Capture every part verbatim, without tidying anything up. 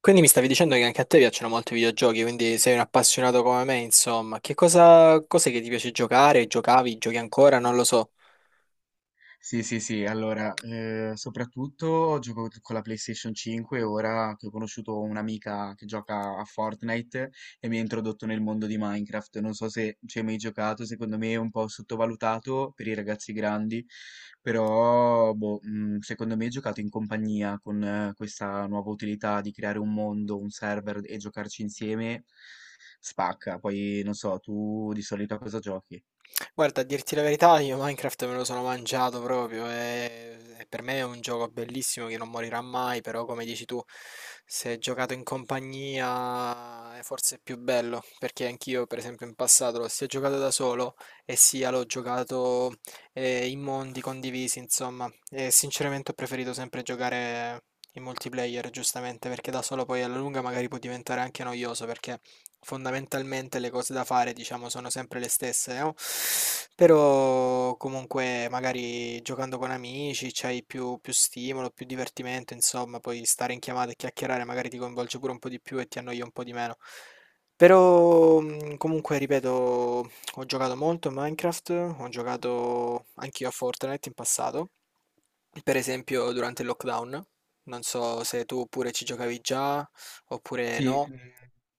Quindi mi stavi dicendo che anche a te piacciono molto i videogiochi, quindi sei un appassionato come me, insomma. Che cosa, cos'è che ti piace giocare? Giocavi? Giochi ancora? Non lo so. Sì, sì, sì, allora, eh, soprattutto gioco con la PlayStation cinque, ora che ho conosciuto un'amica che gioca a Fortnite e mi ha introdotto nel mondo di Minecraft. Non so se ci hai mai giocato, secondo me è un po' sottovalutato per i ragazzi grandi, però boh, mm, secondo me è giocato in compagnia con eh, questa nuova utilità di creare un mondo, un server e giocarci insieme, spacca. Poi non so, tu di solito a cosa giochi? Guarda, a dirti la verità, io Minecraft me lo sono mangiato proprio e, e per me è un gioco bellissimo che non morirà mai, però come dici tu, se giocato in compagnia è forse più bello, perché anch'io per esempio in passato l'ho sia giocato da solo e sia l'ho giocato eh, in mondi condivisi, insomma, e sinceramente ho preferito sempre giocare in multiplayer, giustamente, perché da solo poi alla lunga magari può diventare anche noioso, perché fondamentalmente le cose da fare, diciamo, sono sempre le stesse, no? Però comunque magari giocando con amici c'hai più, più stimolo, più divertimento, insomma, poi stare in chiamata e chiacchierare magari ti coinvolge pure un po' di più e ti annoia un po' di meno. Però mm, comunque, ripeto, ho giocato molto a Minecraft, ho giocato anch'io a Fortnite in passato, per esempio durante il lockdown. Non so se tu pure ci giocavi già oppure Sì, no. mh,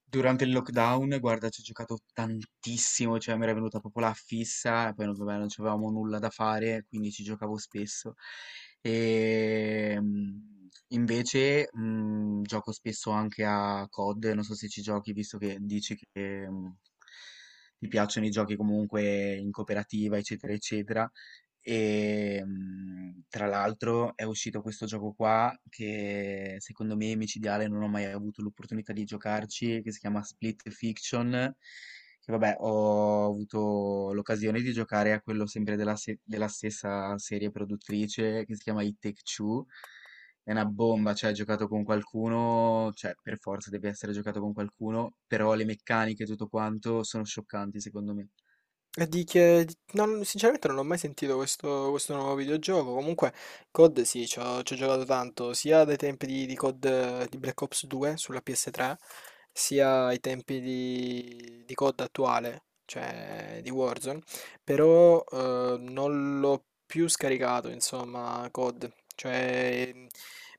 durante il lockdown, guarda, ci ho giocato tantissimo, cioè mi era venuta proprio la fissa, e poi non, vabbè, non avevamo nulla da fare, quindi ci giocavo spesso. E mh, invece mh, gioco spesso anche a COD, non so se ci giochi, visto che dici che mh, ti piacciono i giochi comunque in cooperativa, eccetera, eccetera. E mhmm, tra l'altro è uscito questo gioco qua che secondo me è micidiale, non ho mai avuto l'opportunità di giocarci, che si chiama Split Fiction, che vabbè ho avuto l'occasione di giocare a quello sempre della se della stessa serie produttrice che si chiama It Take Two. È una bomba, cioè giocato con qualcuno, cioè per forza deve essere giocato con qualcuno, però le meccaniche e tutto quanto sono scioccanti secondo me. E di che... di- non- Sinceramente non ho mai sentito questo, questo nuovo videogioco. Comunque, COD sì, ci ho, ci ho giocato tanto, sia dai tempi di, di COD, eh, di Black Ops due sulla P S tre, sia ai tempi di, di COD attuale, cioè di Warzone. Però eh, non l'ho più scaricato, insomma, COD. Cioè, mhmm,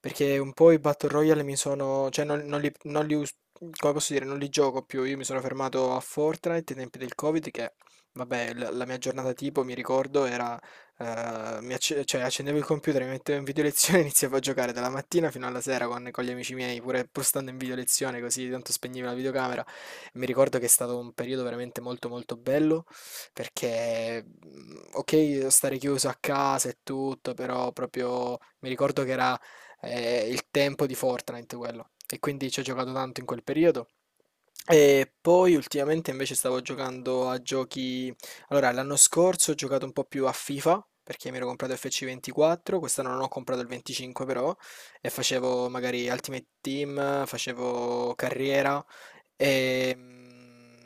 perché un po' i Battle Royale mi sono. Cioè, non, non li, non li us- come posso dire, non li gioco più. Io mi sono fermato a Fortnite ai tempi del Covid. Che Vabbè, la la mia giornata tipo, mi ricordo, era. Eh, mi acce- cioè, accendevo il computer, mi mettevo in video lezione e iniziavo a giocare dalla mattina fino alla sera con, con gli amici miei, pure pur stando in video lezione, così tanto spegnevo la videocamera. Mi ricordo che è stato un periodo veramente molto molto bello, perché, mm, ok, stare chiuso a casa e tutto, però proprio mi ricordo che era eh, il tempo di Fortnite quello. E quindi ci ho giocato tanto in quel periodo. E poi ultimamente invece stavo giocando a giochi. Allora, l'anno scorso ho giocato un po' più a FIFA perché mi ero comprato F C ventiquattro, quest'anno non ho comprato il venticinque però, e facevo magari Ultimate Team, facevo carriera e, mm,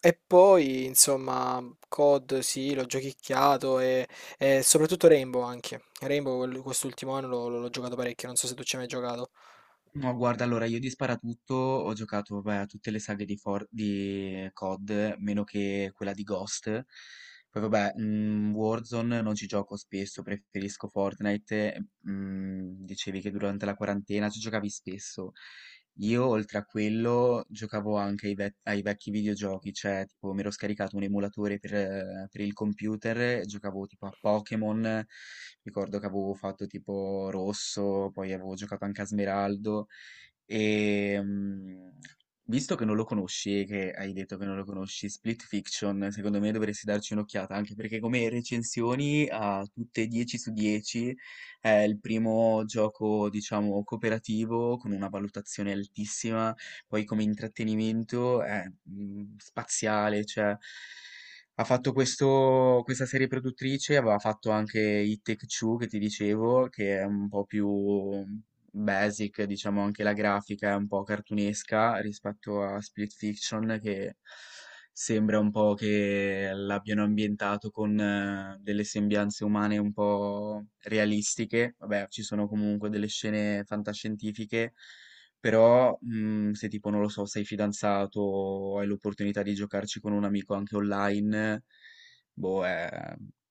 e poi insomma COD sì, l'ho giochicchiato e, e soprattutto Rainbow anche. Rainbow quel- quest'ultimo anno l'ho l'ho- l'ho giocato parecchio, non so se tu ci hai mai giocato. No, guarda, allora io di Sparatutto ho giocato beh, a tutte le saghe di, For- di COD, meno che quella di Ghost. Poi vabbè, mm, Warzone non ci gioco spesso, preferisco Fortnite. Eh, Mm, dicevi che durante la quarantena ci giocavi spesso. Io oltre a quello giocavo anche ai, vec- ai vecchi videogiochi, cioè tipo mi ero scaricato un emulatore per, eh, per il computer e giocavo tipo a Pokémon, ricordo che avevo fatto tipo Rosso, poi avevo giocato anche a Smeraldo, e, mm, visto che non lo conosci, e che hai detto che non lo conosci, Split Fiction, secondo me dovresti darci un'occhiata, anche perché come recensioni a tutte dieci su dieci è il primo gioco, diciamo, cooperativo con una valutazione altissima, poi come intrattenimento è mm, spaziale, cioè ha fatto questo, questa serie produttrice, aveva fatto anche It Take Two che ti dicevo, che è un po' più basic, diciamo anche la grafica è un po' cartunesca rispetto a Split Fiction che sembra un po' che l'abbiano ambientato con eh, delle sembianze umane un po' realistiche. Vabbè, ci sono comunque delle scene fantascientifiche, però mm, se tipo, non lo so, sei fidanzato o hai l'opportunità di giocarci con un amico anche online, boh, è,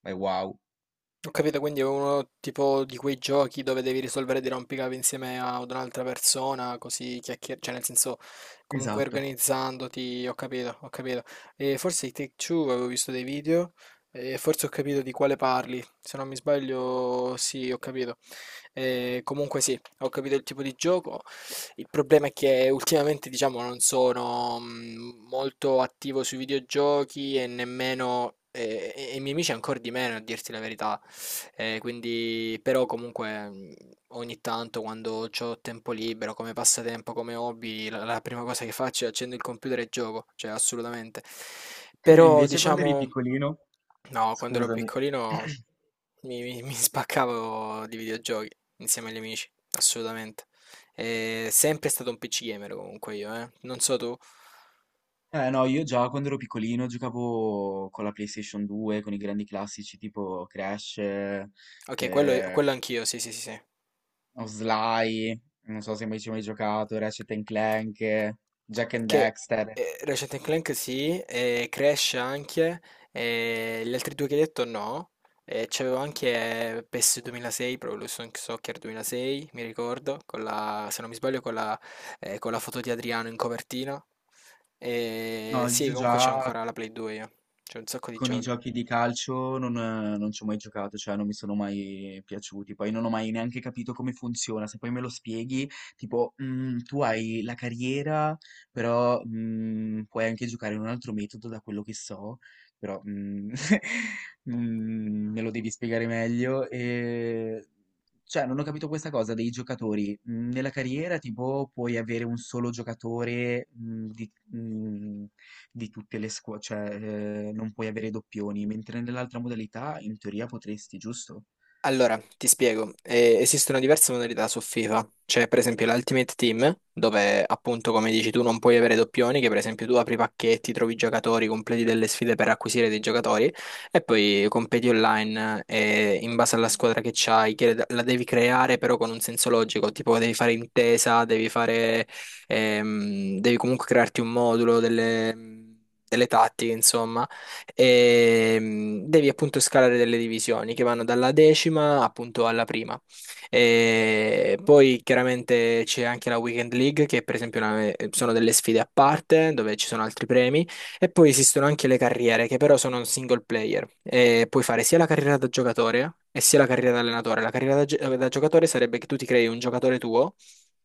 è wow. Ho capito, quindi è uno tipo di quei giochi dove devi risolvere dei rompicapi insieme a- ad un'altra persona, così chiacchierare, cioè nel senso comunque Esatto. organizzandoti, ho capito, ho capito. E forse i Take-Two avevo visto dei video e forse ho capito di quale parli, se non mi sbaglio sì, ho capito. E comunque sì, ho capito il tipo di gioco. Il problema è che ultimamente diciamo non sono mm, molto attivo sui videogiochi e nemmeno. E, e- e i miei amici ancora di meno, a dirti la verità. Eh, quindi, però comunque mh, ogni tanto quando ho tempo libero, come passatempo, come hobby, la, la prima cosa che faccio è accendo il computer e gioco, cioè assolutamente. E Però invece quando eri diciamo, piccolino, no, quando ero scusami. piccolino mi, mi- mi spaccavo di videogiochi insieme agli amici, assolutamente. E sempre stato un P C gamer comunque io, eh. Non so tu. Eh no, io già quando ero piccolino giocavo con la PlayStation due, con i grandi classici tipo Crash, Ok, quello, eh, quello anch'io, sì, sì, sì, sì. o Sly, non so se mai ci hai mai giocato, Ratchet and Clank, eh, Jack Eh, and Che Dexter. eh, Ratchet and Clank, sì, e Crash anche, e gli altri due che hai detto, no. E c'avevo anche eh, PES duemilasei, proprio lo Sonic Soccer duemilasei, mi ricordo, con la- se non mi sbaglio con la, eh, con la foto di Adriano in copertina. E No, sì, io comunque c'è già ancora la Play due io, c'è un sacco di Con i giochi. giochi di calcio non, eh, non ci ho mai giocato, cioè non mi sono mai piaciuti. Poi non ho mai neanche capito come funziona. Se poi me lo spieghi, tipo, "Mm, tu hai la carriera, però mm, puoi anche giocare in un altro metodo, da quello che so, però mm, mm, me lo devi spiegare meglio." E cioè, non ho capito questa cosa dei giocatori. Mm, Nella carriera, tipo, puoi avere un solo giocatore mm, di, mm, di tutte le squadre, cioè, eh, non puoi avere doppioni, mentre nell'altra modalità, in teoria, potresti, giusto? Allora, ti spiego. Eh, esistono diverse modalità su FIFA, c'è per esempio l'Ultimate Team, dove appunto come dici tu non puoi avere doppioni, che per esempio tu apri pacchetti, trovi giocatori, completi delle sfide per acquisire dei giocatori e poi competi online eh, in base alla squadra che c'hai, che la devi creare però con un senso logico, tipo devi fare intesa, devi fare, ehm, devi comunque crearti un modulo delle delle tattiche, insomma, e mh, devi appunto scalare delle divisioni che vanno dalla decima appunto alla prima. E poi chiaramente c'è anche la Weekend League, che per esempio è una- eh, sono delle sfide a parte dove ci sono altri premi. E poi esistono anche le carriere, che però sono un single player. E puoi fare sia la carriera da giocatore e sia la carriera da allenatore. La carriera da, gi- da giocatore sarebbe che tu ti crei un giocatore tuo,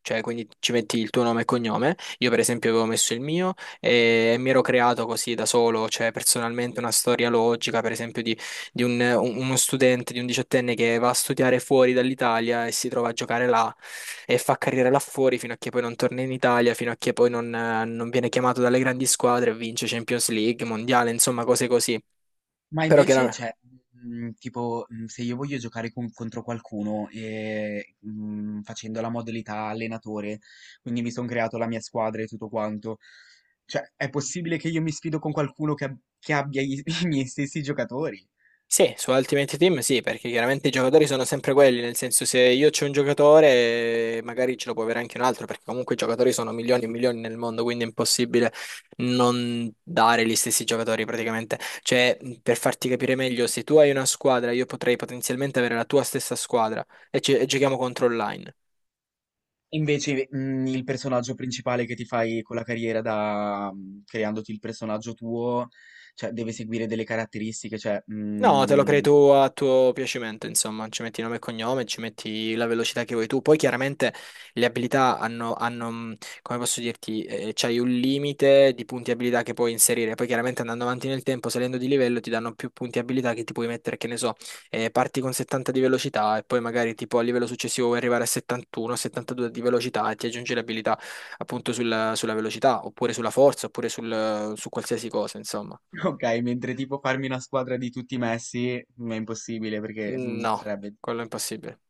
cioè quindi ci metti il tuo nome e cognome. Io, per esempio, avevo messo il mio e mi ero creato così da solo, cioè personalmente una storia logica, per esempio, di, di un- uno studente, di un diciottenne che va a studiare fuori dall'Italia e si trova a giocare là e fa carriera là fuori fino a che poi non torna in Italia, fino a che poi non, eh, non viene chiamato dalle grandi squadre e vince Champions League, Mondiale, insomma, cose così. Ma Però invece, chiaramente. cioè, mm, tipo, mm, se io voglio giocare con- contro qualcuno e, mm, facendo la modalità allenatore, quindi mi sono creato la mia squadra e tutto quanto, cioè, è possibile che io mi sfido con qualcuno che, ab- che abbia i i miei stessi giocatori? Sì, su Ultimate Team sì, perché chiaramente i giocatori sono sempre quelli, nel senso se io c'ho un giocatore magari ce lo può avere anche un altro, perché comunque i giocatori sono milioni e milioni nel mondo, quindi è impossibile non dare gli stessi giocatori praticamente. Cioè, per farti capire meglio, se tu hai una squadra, io potrei potenzialmente avere la tua stessa squadra e, ci- e giochiamo contro online. Invece, mhmm, il personaggio principale che ti fai con la carriera da mhmm, creandoti il personaggio tuo, cioè deve seguire delle caratteristiche, cioè, No, te lo crei mhmm, tu a tuo piacimento, insomma, ci metti nome e cognome, ci metti la velocità che vuoi tu. Poi chiaramente le abilità hanno, hanno, mh, come posso dirti, eh, c'hai un limite di punti abilità che puoi inserire. Poi chiaramente andando avanti nel tempo, salendo di livello, ti danno più punti abilità che ti puoi mettere, che ne so, eh, parti con settanta di velocità e poi magari tipo a livello successivo vuoi arrivare a settantuno, settantadue di velocità e ti aggiungi le abilità appunto sulla, sulla velocità, oppure sulla forza, oppure sul- su qualsiasi cosa, insomma. okay, mentre tipo farmi una squadra di tutti Messi, mhmm, è impossibile perché, Mm, mhmm, No, sarebbe quello è impossibile.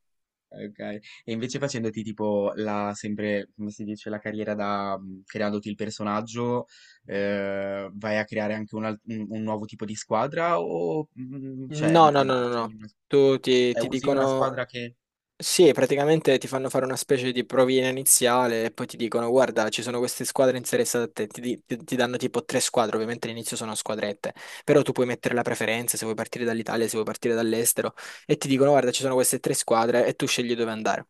eh, okay. E invece facendoti tipo la sempre, come si dice, la carriera da mhmm, creandoti il personaggio, ehm, vai a creare anche un al un un nuovo tipo di squadra o, mhmm, cioè, No, no, no, ehm, no, no. scegli una s Tu ti, cioè ti usi una dicono, squadra che sì, praticamente ti fanno fare una specie di provina iniziale e poi ti dicono, guarda, ci sono queste squadre interessate a te, ti, di- ti- ti danno tipo tre squadre, ovviamente all'inizio sono squadrette, però tu puoi mettere la preferenza se vuoi partire dall'Italia, se vuoi partire dall'estero, e ti dicono, guarda, ci sono queste tre squadre e tu scegli dove andare.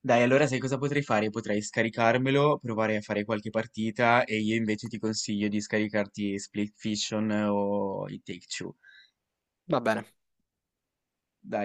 dai, allora sai cosa potrei fare? Potrei scaricarmelo, provare a fare qualche partita e io invece ti consiglio di scaricarti Split Fiction eh, o i Take Two. Va bene. Dai.